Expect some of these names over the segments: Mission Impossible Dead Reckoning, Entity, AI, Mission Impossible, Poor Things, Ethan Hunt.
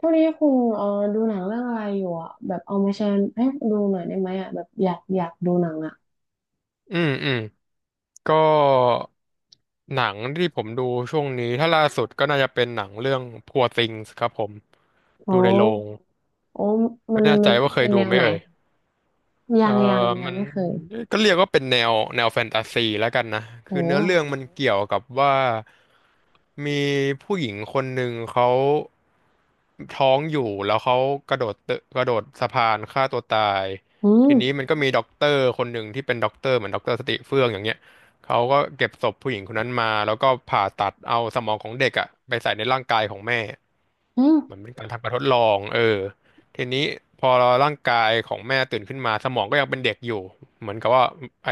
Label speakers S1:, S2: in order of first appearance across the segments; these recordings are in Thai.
S1: ทวกนี้คุณเออดูหนังเรื่องอะไรอยู่อ่ะแบบเอามาแชร์ให้ดูหน่อยได้ไหมอ่ะแบบอยากดูหนังอ่ะ
S2: อืมก็หนังที่ผมดูช่วงนี้ถ้าล่าสุดก็น่าจะเป็นหนังเรื่อง Poor Things ครับผมดู
S1: โอ้
S2: ในโรง
S1: โอ้มั
S2: ไม่
S1: น
S2: แน่
S1: มั
S2: ใจ
S1: น
S2: ว่าเค
S1: เป็
S2: ย
S1: นแน
S2: ดู
S1: ว
S2: ไหม
S1: ไหน
S2: เอ่ย
S1: ยั
S2: เออ
S1: งยังยัง
S2: มัน
S1: ไม่เคย
S2: ก็เรียกว่าเป็นแนวแฟนตาซีแล้วกันนะ
S1: โอ้
S2: คือเนื้อเรื่องมันเกี่ยวกับว่ามีผู้หญิงคนหนึ่งเขาท้องอยู่แล้วเขากระโดดตึกกระโดดสะพานฆ่าตัวตาย
S1: อืม
S2: ทีนี้มันก็มีด็อกเตอร์คนหนึ่งที่เป็นด็อกเตอร์เหมือนด็อกเตอร์สติเฟื่องอย่างเงี้ยเขาก็เก็บศพผู้หญิงคนนั้นมาแล้วก็ผ่าตัดเอาสมองของเด็กอะไปใส่ในร่างกายของแม่
S1: อืม
S2: มันเป็นการทำการทดลองทีนี้พอร่างกายของแม่ตื่นขึ้นมาสมองก็ยังเป็นเด็กอยู่เหมือนกับว่าไอ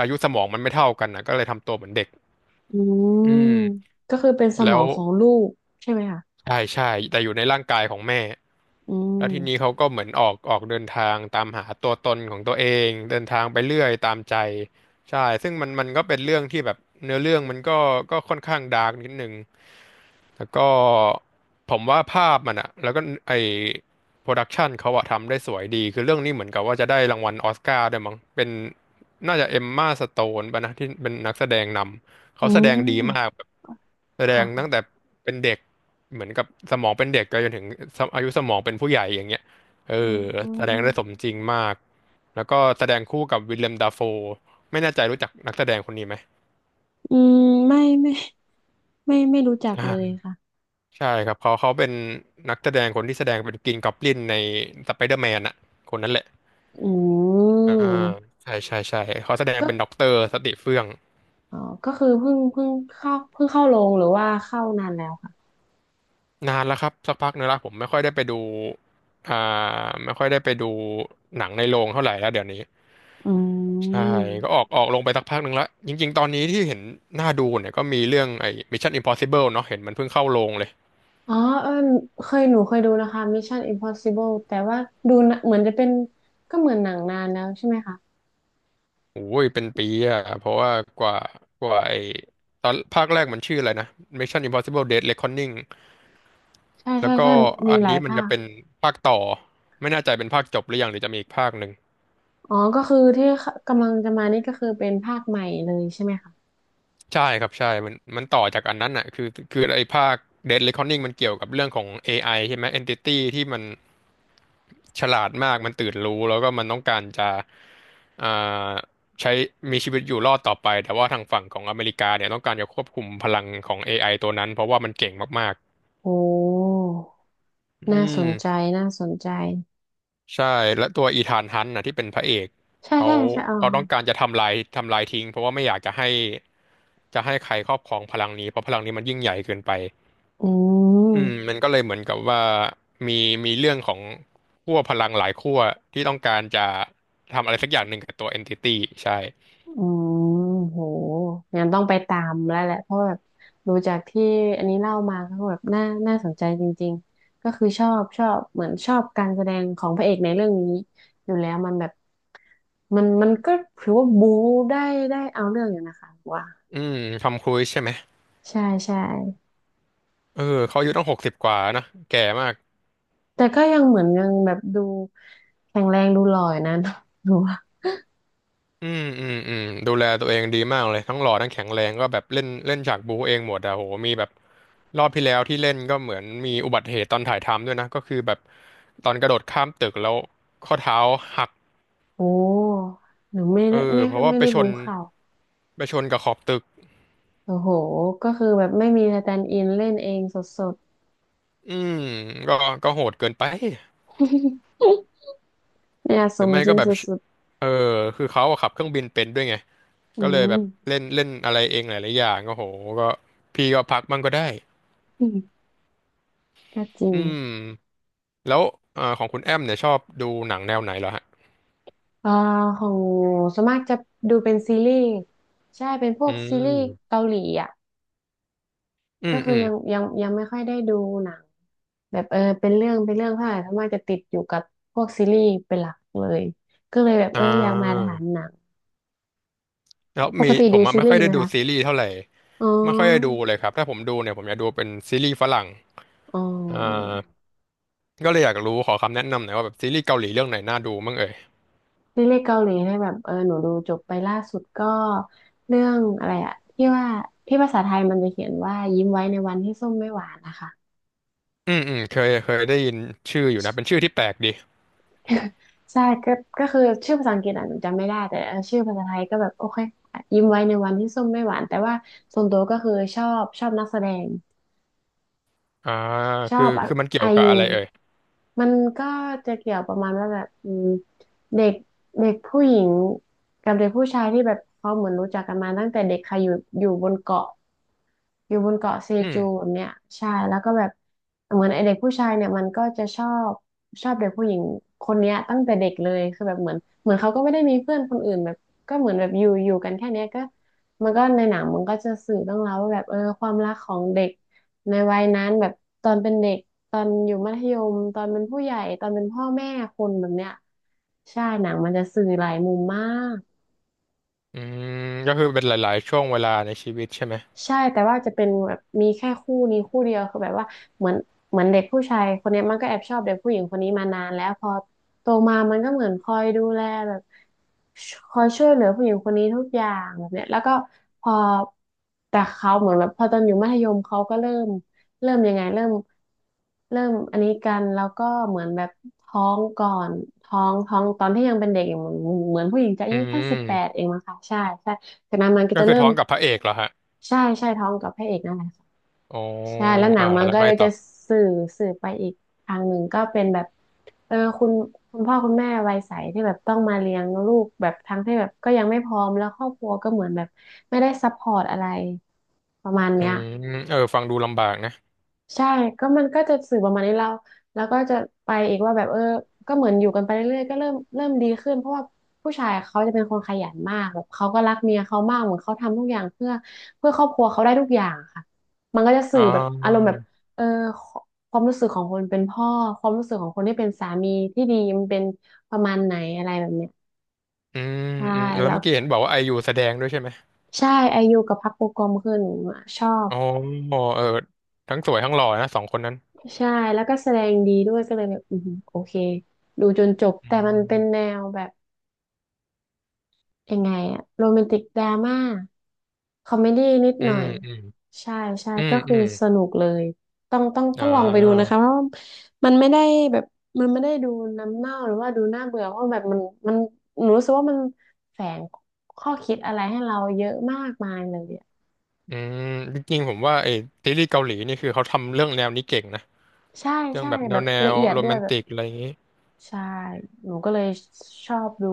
S2: อายุสมองมันไม่เท่ากันนะก็เลยทำตัวเหมือนเด็ก
S1: อืม
S2: อืม
S1: ก็คือเป็นสม
S2: แล้
S1: อ
S2: ว
S1: งของลูกใช่ไหมคะ
S2: ใช่ใช่แต่อยู่ในร่างกายของแม่
S1: อื
S2: แล้วทีนี้
S1: ม
S2: เขาก็เหมือนออกเดินทางตามหาตัวตนของตัวเองเดินทางไปเรื่อยตามใจใช่ซึ่งมันก็เป็นเรื่องที่แบบเนื้อเรื่องมันก็ค่อนข้างดาร์กนิดนึง แล้วก็ผมว่าภาพมันอะแล้วก็ไอโปรดักชันเขาอะทำได้สวยดีคือเรื่องนี้เหมือนกับว่าจะได้รางวัลออสการ์ด้วยมั้งเป็นน่าจะเอมมาสโตนป่ะนะที่เป็นนักแสดงนำ
S1: อื
S2: เขาแสดงดีมาก
S1: ม
S2: แบบแสด
S1: ค่ะ
S2: งตั้งแต่
S1: ค่ะ
S2: เป็นเด็กเหมือนกับสมองเป็นเด็กไปจนถึงอายุสมองเป็นผู้ใหญ่อย่างเงี้ยเออ
S1: อื
S2: แสดง
S1: ม
S2: ได้สมจริงมากแล้วก็แสดงคู่กับวิลเลมดัฟโฟไม่แน่ใจรู้จักนักแสดงคนนี้ไหม
S1: อืมไม่ไม่ไม่รู้จักเลย
S2: อ่า
S1: ค่ะ
S2: ใช่ครับเขาเป็นนักแสดงคนที่แสดงเป็นกินกอบลินในสไปเดอร์แมนอะคนนั้นแหละ
S1: อื
S2: อ่า
S1: ม
S2: ใช่ใช่ใช่เขาแสดง
S1: ก็
S2: เป็นด็อกเตอร์สติเฟื่อง
S1: อ๋อก็คือเพิ่งเข้าเพิ่งเข้าโรงหรือว่าเข้านานแล้ว
S2: นานแล้วครับสักพักนึงและผมไม่ค่อยได้ไปดูอ่าไม่ค่อยได้ไปดูหนังในโรงเท่าไหร่แล้วเดี๋ยวนี้
S1: อื
S2: ใช่ก็ออก
S1: ม
S2: ออกลงไปสักพักหนึ่งและจริงๆตอนนี้ที่เห็นน่าดูเนี่ยก็มีเรื่องไอ้ Mission Impossible เนาะเห็นมันเพิ่งเข้าโรงเลย
S1: อ๋อเออเคยหนูเคยดูนะคะ Mission Impossible แต่ว่าดูนะเหมือนจะเป็นก็เหมือนหนังนานแล้วใช่ไหมคะ
S2: โอ้ยเป็นปีอะเพราะว่ากว่ากว่าไอ้ตอนภาคแรกมันชื่ออะไรนะ Mission Impossible Dead Reckoning
S1: ใช่
S2: แล้
S1: ใช่
S2: วก็
S1: ใช่มี
S2: อัน
S1: หลาย
S2: นี้มัน
S1: ภา
S2: จะ
S1: ค
S2: เป็นภาคต่อไม่แน่ใจเป็นภาคจบหรือยังหรือจะมีอีกภาคหนึ่ง
S1: อ๋อก็คือที่กำลังจะมานี่ก็คือเป็นภาคใหม่เลยใช่ไหมคะ
S2: ใช่ครับใช่มันต่อจากอันนั้นอ่ะคือไอ้ภาค Dead Reckoning มันเกี่ยวกับเรื่องของ AI ใช่ไหม Entity ที่มันฉลาดมากมันตื่นรู้แล้วก็มันต้องการจะอ่าใช้มีชีวิตอยู่รอดต่อไปแต่ว่าทางฝั่งของอเมริกาเนี่ยต้องการจะควบคุมพลังของ AI ตัวนั้นเพราะว่ามันเก่งมาก
S1: โอ้
S2: ๆอื
S1: น่าส
S2: ม
S1: นใจน่าสนใจ
S2: ใช่และตัวอีธานฮันต์นะที่เป็นพระเอก
S1: ใช่
S2: เขา
S1: ใช่ใช่อ๋อ
S2: เขาต้องการจะทำลายทิ้งเพราะว่าไม่อยากจะให้จะให้ใครครอบครองพลังนี้เพราะพลังนี้มันยิ่งใหญ่เกินไป
S1: อืม
S2: อืมมันก็เลยเหมือนกับว่ามีมีเรื่องของขั้วพลังหลายขั้วที่ต้องการจะทำอะไรสักอย่างหนึ่งกับตัวเอนติตี้ใช่
S1: อืมโหงั้นต้องไปตามแล้วแหละเพราะแบบดูจากที่อันนี้เล่ามาก็แบบน่าน่าสนใจจริงๆก็คือชอบชอบเหมือนชอบการแสดงของพระเอกในเรื่องนี้อยู่แล้วมันแบบมันก็ถือว่าบู๊ได้ได้เอาเรื่องอยู่นะคะว่า
S2: อืมทำครูซใช่ไหม
S1: ใช่ใช่
S2: เออเขาอายุตั้ง60 กว่านะแก่มาก
S1: แต่ก็ยังเหมือนยังแบบดูแข็งแรงดูหล่ออยู่นะ หนูว่า
S2: อืมดูแลตัวเองดีมากเลยทั้งหล่อทั้งแข็งแรงก็แบบเล่นเล่นฉากบูเองหมดอะโหมีแบบรอบที่แล้วที่เล่นก็เหมือนมีอุบัติเหตุตอนถ่ายทำด้วยนะก็คือแบบตอนกระโดดข้ามตึกแล้วข้อเท้าหัก
S1: โอ้หนูไม่ได้ไม่
S2: เพราะว่า
S1: ไม่
S2: ไป
S1: ได้
S2: ชน
S1: รู้ข่าว
S2: กับขอบตึก
S1: โอ้โหก็คือแบบไม่มีสแตนด์อินเล่นเองสดๆ
S2: อืมก็ก็โหดเกินไป
S1: เนี่ยส
S2: หรือ
S1: ม
S2: ไม่
S1: จริ
S2: ก็
S1: ง
S2: แบ
S1: ส
S2: บ
S1: ุด
S2: เออคือเขาอะขับเครื่องบินเป็นด้วยไง
S1: ๆอื
S2: ก็เลยแบ
S1: ม
S2: บเล่นเล่นอะไรเองหลายๆอย่างก็โหก็ก็พักบ้างก็ได้
S1: อืมก็จริ
S2: อื
S1: ง
S2: ม แล้วของคุณแอมเนี่ยชอบดูหนังแนวไหนเหรอฮะ
S1: อ่าของหนูส่วนมากจะดูเป็นซีรีส์ใช่เป็นพว
S2: อื
S1: กซีรีส์
S2: ม
S1: เกาหลีอ่ะ
S2: อื
S1: ก็
S2: ม
S1: คือ
S2: อืม
S1: ยังไม่ค่อยได้ดูหนังแบบเออเป็นเรื่องเป็นเรื่องเท่าไหร่ส่วนมากจะติดอยู่กับพวกซีรีส์เป็นหลักเลยก็เลยแบบ
S2: อ่
S1: เอออยากมา
S2: า
S1: ถามหนัง
S2: แล้ว
S1: ปก
S2: มี
S1: ติ
S2: ผ
S1: ดู
S2: มอะ
S1: ซี
S2: ไม่ค่
S1: รี
S2: อย
S1: ส์ไห
S2: ได้
S1: ม
S2: ดู
S1: คะ
S2: ซีรีส์เท่าไหร่
S1: อ๋
S2: ไม่ค่อยได้ดู
S1: อ
S2: เลยครับ ถ้าผมดูเนี่ยผมอยากดูเป็นซีรีส์ฝรั่ง
S1: อ๋อ
S2: อ่าก็เลยอยากรู้ขอคำแนะนำหน่อยว่าแบบซีรีส์เกาหลีเรื่องไหนน่าดูบ้างเอ่ย
S1: ซีรีส์เกาหลีเนี่ยแบบเออหนูดูจบไปล่าสุดก็เรื่องอะไรอะที่ว่าที่ภาษาไทยมันจะเขียนว่ายิ้มไว้ในวันที่ส้มไม่หวานนะคะ
S2: อืมอืมเคยได้ยินชื่ออยู่นะเป็นชื่อที่แปลกดี
S1: ใช่ก็ก็คือชื่อภาษาอังกฤษอ่ะหนูจำไม่ได้แต่เออชื่อภาษาไทยก็แบบโอเคยิ้มไว้ในวันที่ส้มไม่หวานแต่ว่าส่วนตัวก็คือชอบชอบนักแสดง
S2: อ่า
S1: ชอ
S2: คือ
S1: บ
S2: คือมันเกี่ย
S1: ไอ
S2: วกับ
S1: ยู
S2: อะไรเอ่ย
S1: มันก็จะเกี่ยวประมาณว่าแบบอืมเด็กเด็กผู้หญิงกับเด็กผู้ชายที่แบบเขาเหมือนรู้จักกันมาตั้งแต่เด็กค่ะอยู่อยู่บนเกาะ อยู่บนเกาะเซ
S2: อืม
S1: จูแบบเนี้ยใช่แล้วก็แบบเหมือนไอเด็กผู้ชายเนี่ยมันก็จะชอบชอบเด็กผู้หญิงคนเนี้ยตั้งแต่เด็กเลยคือแบบเหมือนเขาก็ไม่ได้มีเพื่อนคนอื่นแบบก็เหมือนแบบอยู่อยู่กันแค่เนี้ยก็มันก็ในหนังมันก็จะสื่อเรื่องราวว่าแบบเออความรักของเด็กในวัยนั้นแบบตอนเป็นเด็กตอนอยู่มัธยมตอนเป็นผู้ใหญ่ตอนเป็นพ่อแม่คนแบบเนี้ยใช่หนังมันจะสื่อหลายมุมมาก
S2: อืมก็คือเป็นหลายๆช่วงเวลาในชีวิตใช่ไหม
S1: ใช่แต่ว่าจะเป็นแบบมีแค่คู่นี้คู่เดียวคือแบบว่าเหมือนเหมือนเด็กผู้ชายคนเนี้ยมันก็แอบชอบเด็กผู้หญิงคนนี้มานานแล้วพอโตมามันก็เหมือนคอยดูแลแบบชคอยช่วยเหลือผู้หญิงคนนี้ทุกอย่างแบบเนี้ยแล้วก็พอแต่เขาเหมือนแบบพอตอนอยู่มัธยมเขาก็เริ่มยังไงเริ่มเริ่มอันนี้กันแล้วก็เหมือนแบบท้องก่อนท้องตอนที่ยังเป็นเด็กอยู่เหมือนเหมือนผู้หญิงจะอา
S2: อื
S1: ยุแค่18
S2: ม
S1: เองมั้งคะใช่ใช่จากนั้นมันก็
S2: ก็
S1: จะ
S2: คือ
S1: เริ่ม
S2: ท้องกับพระเอกเหรอฮะ
S1: ใช่ใช่ท้องกับพระเอกนั่นแหละค่ะ
S2: อ๋อ
S1: ใช่แล้วหนังมัน
S2: แล้ว
S1: ก็
S2: ไง
S1: เลย
S2: ต่
S1: จะ
S2: อ
S1: สื่อสื่อไปอีกทางหนึ่งก็เป็นแบบเออคุณคุณพ่อคุณแม่วัยใสที่แบบต้องมาเลี้ยงลูกแบบทั้งที่แบบก็ยังไม่พร้อมแล้วครอบครัวก็เหมือนแบบไม่ได้ซัพพอร์ตอะไรประมาณ
S2: อื
S1: เนี้ย
S2: มเออฟังดูลำบากนะ
S1: ใช่ก็มันก็จะสื่อประมาณนี้เราแล้วก็จะไปอีกว่าแบบเออก็เหมือนอยู่กันไปเรื่อยๆก็เริ่มดีขึ้นเพราะว่าผู้ชายเขาจะเป็นคนขยันมากแบบเขาก็รักเมียเขามาก เหมือนเขาทำทุกอย่างเพื่อครอบครัวเขาได้ทุกอย่างค่ะมันก็จะ
S2: อ๋
S1: สื่
S2: อ
S1: อแบบอารมณ์แบบเออความรู้สึกของคนเป็นพ่อความรู้สึกของคนที่เป็นสามีที่ดีมันเป็นประมาณไหนอะไรแบบเนี้ย
S2: อืม
S1: ใช่
S2: อืมแล้ว
S1: แล้ว
S2: เมื่อกี้เห็นบอกว่าไอยูแสดงด้วยใช่ไหม
S1: ใช่อายุกับพักโปรกรมคือหนูอะชอบ
S2: อ๋อเออทั้งสวยทั้งหล่อนะสองคนนั้น
S1: ใช่แล้วก็แสดงดีด้วยก็เลยแบบอืมโอเคดูจนจบ
S2: อื
S1: แต่มันเป็นแน
S2: ม
S1: วแบบยังไงอะโรแมนติกดราม่าคอมเมดี้นิด
S2: อื
S1: หน่อ
S2: ม
S1: ย
S2: อืม
S1: ใช่ใช่
S2: อืม
S1: ก็
S2: อื
S1: คือ
S2: ม
S1: สนุกเลยต้องต้อง
S2: อ่
S1: ต้องลองไปดูนะ
S2: า
S1: คะเพราะว่ามันไม่ได้แบบมันไม่ได้ดูน้ำเน่าหรือว่าดูน่าเบื่อเพราะแบบมันหนูรู้สึกว่ามันแฝงข้อคิดอะไรให้เราเยอะมากมายเลยอะ
S2: อืมจริงๆผมว่าซีรีส์เกาหลีนี่คือเขาทำเรื่องแนวนี้เก่งนะ
S1: ใช่
S2: เรื่อง
S1: ใช่
S2: แบบแน
S1: แบ
S2: ว
S1: บ
S2: แน
S1: ละ
S2: ว
S1: เอียด
S2: โร
S1: ด้
S2: แม
S1: วย
S2: น
S1: แบบ
S2: ติกอะไรอย่างนี้
S1: ใช่หนูก็เลยชอบดู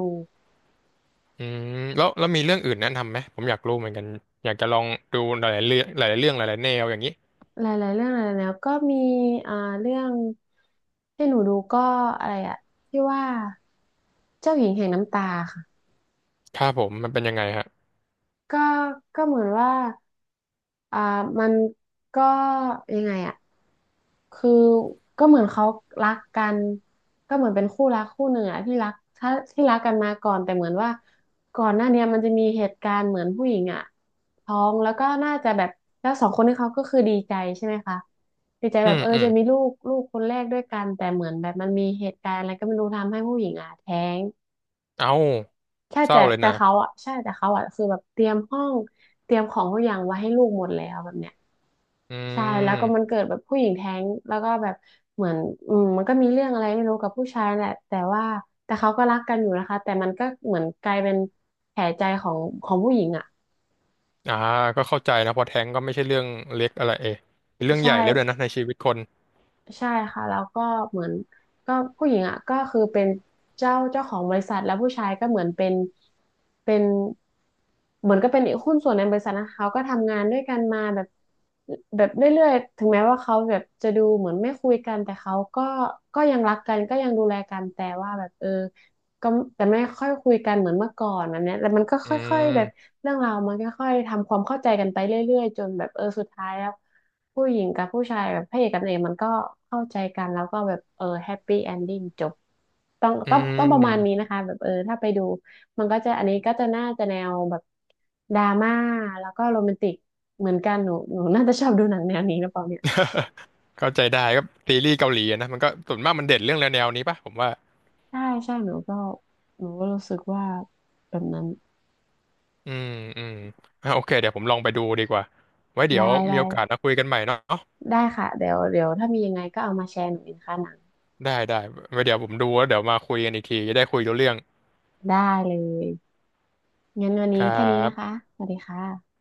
S2: อืมแล้วมีเรื่องอื่นแนะนำไหมผมอยากรู้เหมือนกันอยากจะลองดูหลายๆเรื่องหลายๆเรื่องหลายๆแนวอย่างนี้
S1: หลายๆเรื่องหลายๆแล้วก็มีอ่าเรื่องที่หนูดูก็อะไรอะที่ว่าเจ้าหญิงแห่งน้ำตาค่ะ
S2: ครับผมมันเป็นยังไงฮะ
S1: ก็ก็เหมือนว่าอ่ามันก็ยังไงอะ คือก็เหมือนเขารักกันก็เหมือนเป็นคู่รักคู่หนึ่งอะที่รักถ้าที่รักกันมาก่อนแต่เหมือนว่าก่อนหน้าเนี้ยมันจะมีเหตุการณ์เหมือนผู้หญิงอะท้องแล้วก็น่าจะแบบแล้วสองคนนี้เขาก็คือดีใจใช่ไหมคะดีใจ
S2: อื
S1: แบบ
S2: ม
S1: เออ
S2: อืม
S1: จะมีลูกคนแรกด้วยกันแต่เหมือนแบบมันมีเหตุการณ์อะไรก็ไม่รู้ทำให้ผู้หญิงอะแท้ง
S2: เอา
S1: ใช่
S2: เศร้า
S1: แต่
S2: เลย
S1: แต่
S2: นะ
S1: เขาอะใช่แต่เขาอะคือแบบเตรียมห้องเตรียมของทุกอย่างไว้ให้ลูกหมดแล้วแบบเนี้ย
S2: อื
S1: ใช่แล้วก็มัน
S2: ม
S1: เกิดแบบผู้หญิงแท้งแล้วก็แบบเหมือนอืมมันก็มีเรื่องอะไรไม่รู้กับผู้ชายแหละแต่ว่าแต่เขาก็รักกันอยู่นะคะแต่มันก็เหมือนกลายเป็นแผลใจของของผู้หญิงอ่ะ
S2: อ่าก็เข้าใจนะเพอแท้งก็ไม่ใช่เรื่องเล็กอะไรเอเป็นเรื่อง
S1: ใช่
S2: ใหญ่แล้วด้วยนะในชีวิตคน
S1: ใช่ค่ะแล้วก็เหมือนก็ผู้หญิงอ่ะก็คือเป็นเจ้าของบริษัทแล้วผู้ชายก็เหมือนเป็นเหมือนก็เป็นหุ้นส่วนในบริษัทนะเขาก็ทำงานด้วยกันมาแบบแบบเรื่อยๆถึงแม้ว่าเขาแบบจะดูเหมือนไม่คุยกันแต่เขาก็ยังรักกันก็ยังดูแลกันแต่ว่าแบบเออ ก็แต่ไม่ค่อยคุยกันเหมือนเมื่อก่อนแบบเนี้ยแต่มันก็
S2: อื
S1: ค่อยๆแบบ
S2: ม
S1: เรื่องราวมันก็ค่อยทำความเข้าใจกันไปเรื่อยๆจนแบบเออสุดท้ายแล้วผู้หญิงกับผู้ชายแบบพระเอกกับนางเอกมันก็เข้าใจกันแล้วก็แบบเออแฮปปี้เอนดิ้งจบต้อง
S2: อื
S1: ต้องต้องประมาณนี้
S2: ม
S1: นะคะแบบเออถ้าไปดูมันก็จะอันนี้ก็จะน่าจะแนวแบบดราม่าแล้วก็โรแมนติกเหมือนกันหนูน่าจะชอบดูหนังแนวนี้หรือเปล่าเนี่ย
S2: เข้าใจได้ก็ซีรีส์เกาหลีอะนะมันก็ส่วนมากมันเด่นเรื่องแนวๆนี้ป่ะผมว่า
S1: ใช่ใช่หนูก็หนูก็รู้สึกว่าแบบนั้น
S2: อืมอืมอ่ะโอเคเดี๋ยวผมลองไปดูดีกว่าไว้เดี๋
S1: ได้
S2: ยวมี
S1: ได้
S2: โอกาสมาคุยกันใหม่เนาะ
S1: ได้ค่ะเดี๋ยวเดี๋ยวถ้ามียังไงก็เอามาแชร์หนูอีกนะคะหนัง
S2: ได้ไว้เดี๋ยวผมดูแล้วเดี๋ยวมาคุยกันอีกทีจะได้คุยรู้เรื่อง
S1: ได้เลยงั้นวัน
S2: ค
S1: นี้
S2: รั
S1: แค่นี้นะคะ
S2: บ
S1: สวัสดีค่ะ